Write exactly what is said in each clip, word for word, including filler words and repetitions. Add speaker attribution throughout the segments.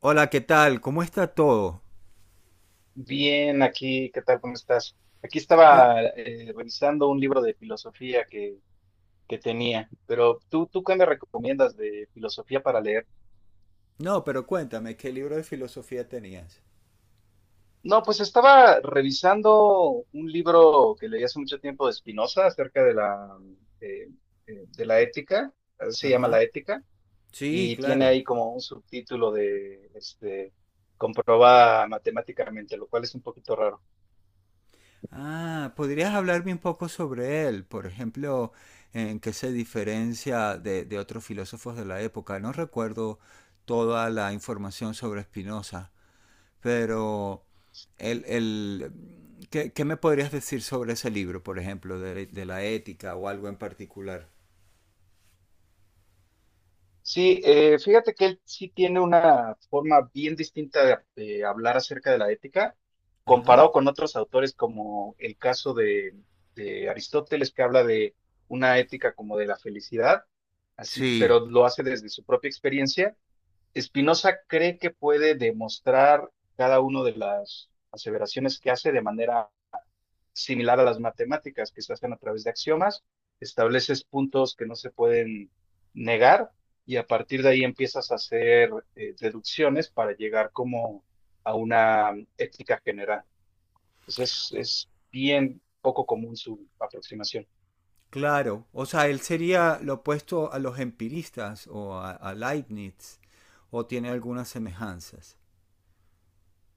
Speaker 1: Hola, ¿qué tal? ¿Cómo está todo?
Speaker 2: Bien, aquí, ¿qué tal? ¿Cómo estás? Aquí
Speaker 1: Pe-
Speaker 2: estaba eh, revisando un libro de filosofía que, que tenía, pero ¿tú, tú qué me recomiendas de filosofía para leer?
Speaker 1: No, pero cuéntame, ¿qué libro de filosofía tenías?
Speaker 2: No, pues estaba revisando un libro que leí hace mucho tiempo de Spinoza acerca de la, eh, eh, de la ética, así se llama La
Speaker 1: Ajá.
Speaker 2: ética,
Speaker 1: Sí,
Speaker 2: y tiene
Speaker 1: claro.
Speaker 2: ahí como un subtítulo de este, comprobada matemáticamente, lo cual es un poquito raro.
Speaker 1: Ah, ¿podrías hablarme un poco sobre él? Por ejemplo, ¿en qué se diferencia de, de otros filósofos de la época? No recuerdo toda la información sobre Spinoza, pero el, el- ¿qué, qué me podrías decir sobre ese libro, por ejemplo, de, de la ética o algo en particular?
Speaker 2: Sí, eh, fíjate que él sí tiene una forma bien distinta de, de hablar acerca de la ética,
Speaker 1: Ajá.
Speaker 2: comparado con otros autores como el caso de, de Aristóteles, que habla de una ética como de la felicidad, así,
Speaker 1: Sí.
Speaker 2: pero lo hace desde su propia experiencia. Spinoza cree que puede demostrar cada una de las aseveraciones que hace de manera similar a las matemáticas que se hacen a través de axiomas, estableces puntos que no se pueden negar y a partir de ahí empiezas a hacer eh, deducciones para llegar como a una ética general. Entonces es, es bien poco común su aproximación.
Speaker 1: Claro, o sea, él sería lo opuesto a los empiristas o a, a Leibniz, o tiene algunas semejanzas.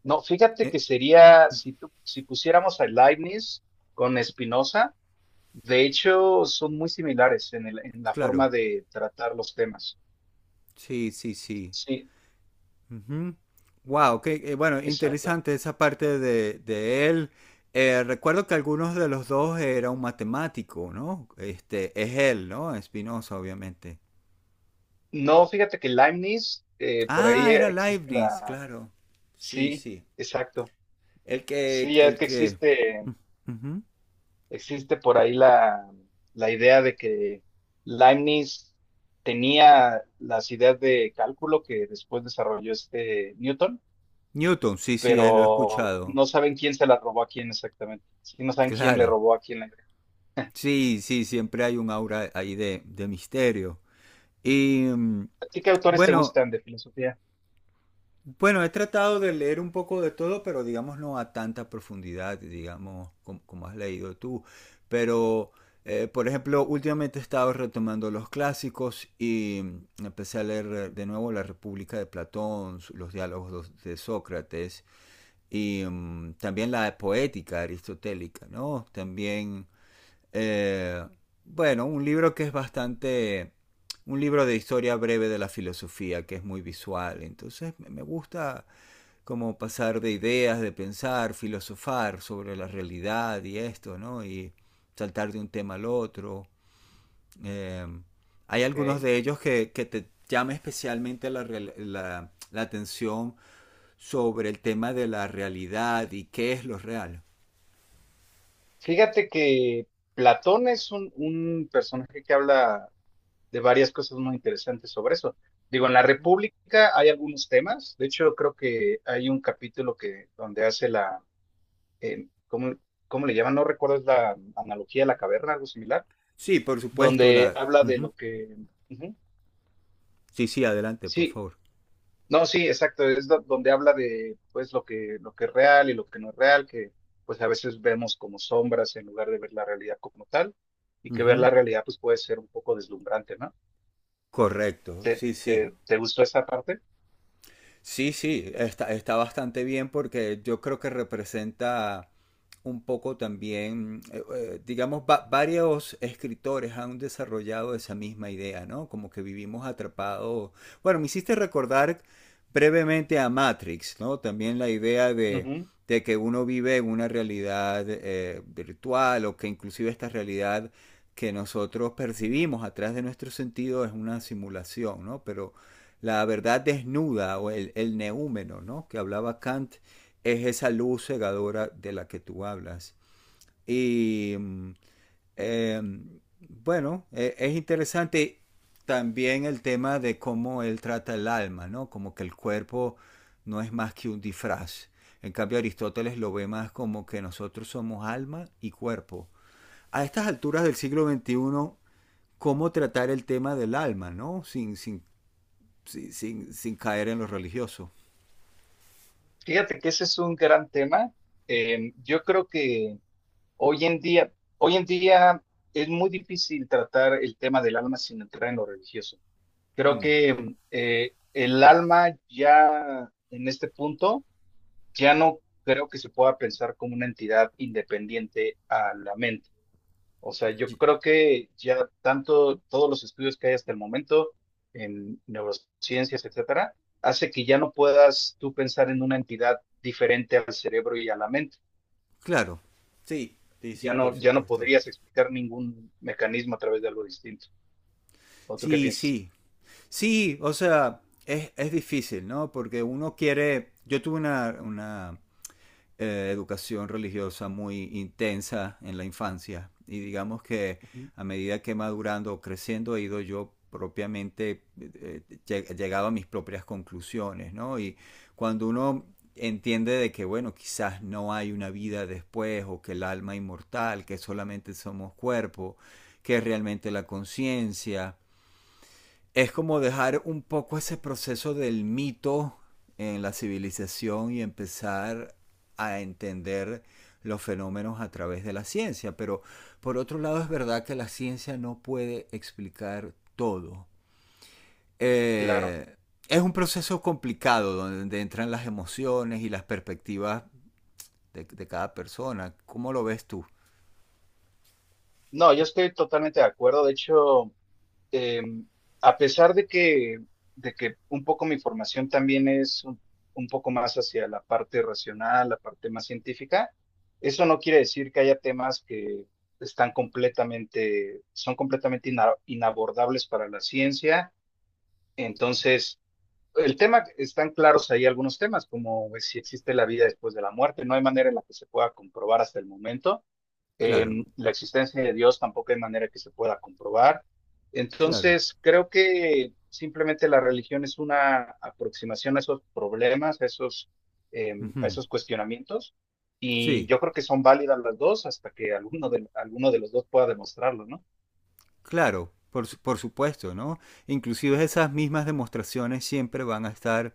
Speaker 2: No, fíjate
Speaker 1: Eh,
Speaker 2: que sería, si, tú- si pusiéramos a Leibniz con Spinoza, de hecho son muy similares en el- en la forma
Speaker 1: claro,
Speaker 2: de tratar los temas.
Speaker 1: sí, sí, sí.
Speaker 2: Sí,
Speaker 1: Ujú. Wow, qué, eh, bueno,
Speaker 2: exacto.
Speaker 1: interesante esa parte de, de él. Eh, recuerdo que algunos de los dos era un matemático, ¿no? Este, es él, ¿no? Spinoza, obviamente.
Speaker 2: No, fíjate que Leibniz, eh, por ahí
Speaker 1: Ah, era
Speaker 2: existe
Speaker 1: Leibniz,
Speaker 2: la...
Speaker 1: claro. Sí,
Speaker 2: Sí,
Speaker 1: sí.
Speaker 2: exacto.
Speaker 1: El que,
Speaker 2: Sí, es
Speaker 1: el
Speaker 2: que
Speaker 1: que.
Speaker 2: existe,
Speaker 1: Ujú.
Speaker 2: existe por ahí la, la idea de que Leibniz tenía las ideas de cálculo que después desarrolló este Newton,
Speaker 1: Newton, sí, sí, eh, lo he
Speaker 2: pero
Speaker 1: escuchado.
Speaker 2: no saben quién se las robó a quién exactamente. Sí, no saben quién le
Speaker 1: Claro.
Speaker 2: robó a quién la idea.
Speaker 1: Sí, sí, siempre hay un aura ahí de, de misterio. Y mm,
Speaker 2: ¿A ti qué autores te
Speaker 1: bueno,
Speaker 2: gustan de filosofía?
Speaker 1: bueno, he tratado de leer un poco de todo, pero digamos no a tanta profundidad, digamos, com- como, has leído tú. Pero, eh, por ejemplo, últimamente he estado retomando los clásicos y mm, empecé a leer eh, de nuevo La República de Platón, su- los diálogos dos- de Sócrates y mm, también la poética aristotélica, ¿no? También, Eh, bueno, un libro que es bastante... Un libro de historia breve de la filosofía, que es muy visual. Entonces me me gusta como pasar de ideas, de pensar, filosofar sobre la realidad y esto, ¿no? Y saltar de un tema al otro. Eh, Hay
Speaker 2: Ok.
Speaker 1: algunos de ellos que, que te llama especialmente la, real- la- la atención sobre el tema de la realidad y qué es lo real.
Speaker 2: Fíjate que Platón es un, un personaje que habla de varias cosas muy interesantes sobre eso. Digo, en la República hay algunos temas, de hecho creo que hay un capítulo que donde hace la, eh, ¿cómo, cómo le llaman? No recuerdo, es la analogía de la caverna, algo similar,
Speaker 1: Sí, por supuesto,
Speaker 2: donde
Speaker 1: la...
Speaker 2: habla de lo que, ujú,
Speaker 1: Sí, sí, adelante, por
Speaker 2: sí,
Speaker 1: favor.
Speaker 2: no, sí, exacto, es do- donde habla de pues lo que, lo que es real y lo que no es real, que pues a veces vemos como sombras en lugar de ver la realidad como tal, y que ver
Speaker 1: Ujú.
Speaker 2: la realidad pues puede ser un poco deslumbrante, ¿no?
Speaker 1: Correcto,
Speaker 2: ¿Te,
Speaker 1: sí, sí.
Speaker 2: te, te gustó esa parte?
Speaker 1: Sí, sí, está, está bastante bien porque yo creo que representa un poco también, eh, eh, digamos, va- varios escritores han desarrollado esa misma idea, ¿no? Como que vivimos atrapados. Bueno, me hiciste recordar brevemente a Matrix, ¿no? También la idea de, de que uno vive en una realidad eh, virtual o que inclusive esta realidad que nosotros percibimos atrás de nuestro sentido es una simulación, ¿no? Pero la verdad desnuda o el, el neúmeno, ¿no? Que hablaba Kant, es esa luz cegadora de la que tú hablas. Y eh, bueno, eh, es interesante también el tema de cómo él trata el alma, ¿no? Como que el cuerpo no es más que un disfraz. En cambio, Aristóteles lo ve más como que nosotros somos alma y cuerpo. A estas alturas del siglo veintiuno, ¿cómo tratar el tema del alma, ¿no? Sin, sin sin, sin, sin caer en lo religioso.
Speaker 2: Fíjate que ese es un gran tema. Eh, yo creo que hoy en día, hoy en día es muy difícil tratar el tema del alma sin entrar en lo religioso. Creo
Speaker 1: Mm.
Speaker 2: que eh, el alma ya en este punto ya no creo que se pueda pensar como una entidad independiente a la mente. O sea, yo
Speaker 1: Y-
Speaker 2: creo que ya tanto todos los estudios que hay hasta el momento en neurociencias, etcétera, hace que ya no puedas tú pensar en una entidad diferente al cerebro y a la mente.
Speaker 1: Claro. Sí, sí, sí,
Speaker 2: Ya
Speaker 1: por
Speaker 2: no, ya no
Speaker 1: supuesto.
Speaker 2: podrías explicar ningún mecanismo a través de algo distinto. ¿O tú qué
Speaker 1: Sí,
Speaker 2: piensas?
Speaker 1: sí. Sí, o sea, es, es difícil, ¿no? Porque uno quiere... Yo tuve una, una eh, educación religiosa muy intensa en la infancia y digamos que
Speaker 2: Ujú.
Speaker 1: a medida que madurando o creciendo he ido yo propiamente eh, lleg- llegado a mis propias conclusiones, ¿no? Y cuando uno entiende de que, bueno, quizás no hay una vida después o que el alma inmortal, que solamente somos cuerpo, que es realmente la conciencia, es como dejar un poco ese proceso del mito en la civilización y empezar a entender los fenómenos a través de la ciencia. Pero por otro lado es verdad que la ciencia no puede explicar todo.
Speaker 2: Claro.
Speaker 1: Eh, es un proceso complicado donde entran las emociones y las perspectivas de, de cada persona. ¿Cómo lo ves tú?
Speaker 2: No, yo estoy totalmente de acuerdo. De hecho, eh, a pesar de que, de que un poco mi formación también es un, un poco más hacia la parte racional, la parte más científica, eso no quiere decir que haya temas que están completamente, son completamente ina- inabordables para la ciencia. Entonces, el tema, están claros ahí algunos temas, como pues, si existe la vida después de la muerte, no hay manera en la que se pueda comprobar hasta el momento.
Speaker 1: Claro,
Speaker 2: Em, la existencia de Dios tampoco hay manera que se pueda comprobar.
Speaker 1: claro.
Speaker 2: Entonces, creo que simplemente la religión es una aproximación a esos problemas, a esos,
Speaker 1: Uh
Speaker 2: em, a
Speaker 1: -huh.
Speaker 2: esos cuestionamientos, y
Speaker 1: Sí,
Speaker 2: yo creo que son válidas las dos hasta que alguno de, alguno de los dos pueda demostrarlo, ¿no?
Speaker 1: claro, por, su- por supuesto, ¿no? Inclusive esas mismas demostraciones siempre van a estar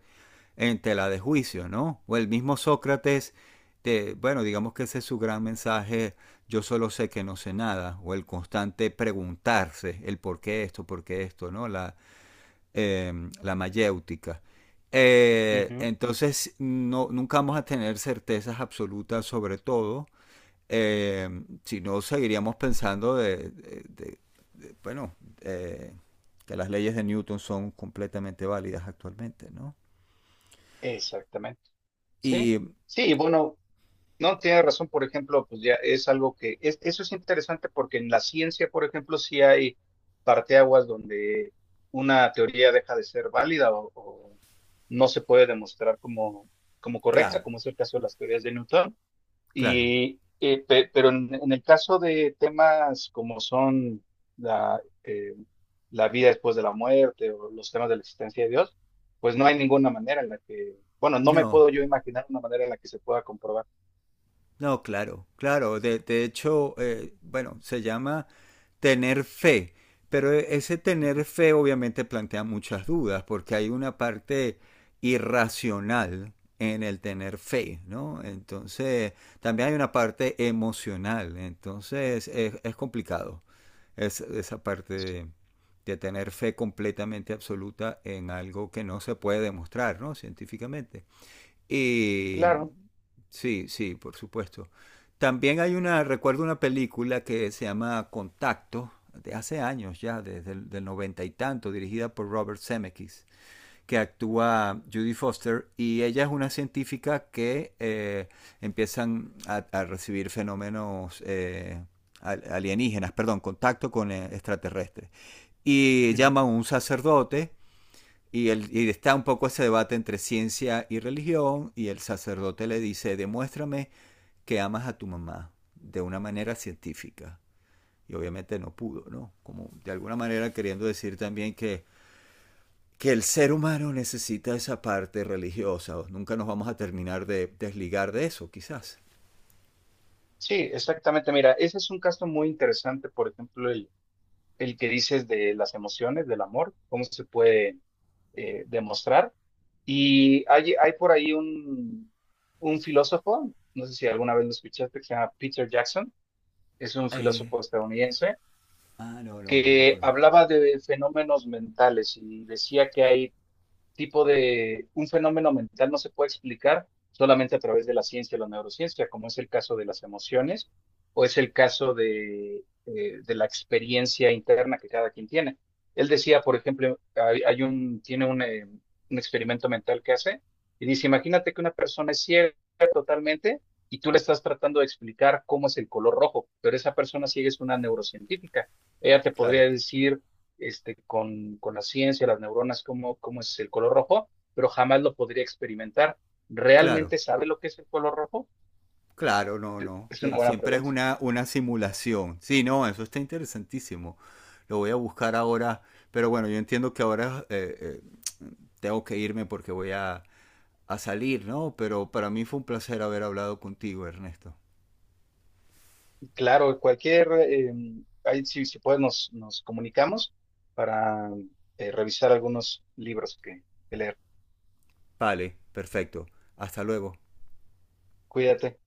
Speaker 1: en tela de juicio, ¿no? O el mismo Sócrates, te- bueno, digamos que ese es su gran mensaje, yo solo sé que no sé nada, o el constante preguntarse el por qué esto, por qué esto, ¿no? La, em, la mayéutica. Eh,
Speaker 2: Ujú.
Speaker 1: entonces, no, nunca vamos a tener certezas absolutas sobre todo, eh, si no seguiríamos pensando de, de- de- de- bueno, eh, que las leyes de Newton son completamente válidas actualmente, ¿no?
Speaker 2: Exactamente. Sí,
Speaker 1: Y
Speaker 2: sí, y bueno, no, tiene razón, por ejemplo, pues ya es algo que, es- eso es interesante porque en la ciencia, por ejemplo, sí hay parteaguas donde una teoría deja de ser válida o, o no se puede demostrar como, como correcta,
Speaker 1: claro,
Speaker 2: como es el caso de las teorías de Newton.
Speaker 1: claro,
Speaker 2: Y, eh, pe- pero en, en el caso de temas como son la, eh, la vida después de la muerte o los temas de la existencia de Dios, pues no hay ninguna manera en la que, bueno, no me
Speaker 1: no.
Speaker 2: puedo yo imaginar una manera en la que se pueda comprobar.
Speaker 1: No, claro, claro. De, de hecho, eh, bueno, se llama tener fe, pero e, ese tener fe obviamente plantea muchas dudas porque hay una parte irracional en el tener fe, ¿no? Entonces, también hay una parte emocional, entonces es, es complicado, es, esa parte de, de tener fe completamente absoluta en algo que no se puede demostrar, ¿no? Científicamente. Y
Speaker 2: Claro,
Speaker 1: sí, sí, por supuesto. También hay una, recuerdo una película que se llama Contacto, de hace años ya, desde el del noventa y tanto, dirigida por Robert Zemeckis, que actúa Judy Foster y ella es una científica que eh, empiezan a, a, recibir fenómenos eh, al- alienígenas, perdón, contacto con eh, extraterrestres. Y llama a
Speaker 2: ujú.
Speaker 1: un sacerdote y, el, y está un poco ese debate entre ciencia y religión y el sacerdote le dice, demuéstrame que amas a tu mamá de una manera científica. Y obviamente no pudo, ¿no? Como de alguna manera queriendo decir también que, que el ser humano necesita esa parte religiosa. Nunca nos vamos a terminar de desligar de eso, quizás.
Speaker 2: Sí, exactamente. Mira, ese es un caso muy interesante, por ejemplo, el, el que dices de las emociones, del amor, cómo se puede eh, demostrar. Y hay, hay por ahí un, un filósofo, no sé si alguna vez lo escuchaste, que se llama Peter Jackson, es un
Speaker 1: Eh,
Speaker 2: filósofo estadounidense,
Speaker 1: ah, no, no, no lo
Speaker 2: que
Speaker 1: conozco.
Speaker 2: hablaba de fenómenos mentales y decía que hay tipo de un fenómeno mental no se puede explicar solamente a través de la ciencia o la neurociencia, como es el caso de las emociones o es el caso de, eh, de la experiencia interna que cada quien tiene. Él decía, por ejemplo, hay, hay un, tiene un, eh, un experimento mental que hace y dice, imagínate que una persona es ciega totalmente y tú le estás tratando de explicar cómo es el color rojo, pero esa persona ciega es una neurocientífica. Ella te
Speaker 1: Claro,
Speaker 2: podría decir este, con, con la ciencia, las neuronas, cómo, cómo es el color rojo, pero jamás lo podría experimentar.
Speaker 1: claro.
Speaker 2: ¿Realmente sabe lo que es el color rojo?
Speaker 1: Claro, no, no.
Speaker 2: Es
Speaker 1: Eh,
Speaker 2: una buena
Speaker 1: Siempre es
Speaker 2: pregunta.
Speaker 1: una, una simulación. Sí, no, eso está interesantísimo. Lo voy a buscar ahora. Pero bueno, yo entiendo que ahora eh, eh, tengo que irme porque voy a, a salir, ¿no? Pero para mí fue un placer haber hablado contigo, Ernesto.
Speaker 2: Claro, cualquier, eh, ahí si, si puedes nos, nos comunicamos para eh, revisar algunos libros que que leer.
Speaker 1: Vale, perfecto. Hasta luego.
Speaker 2: Cuídate.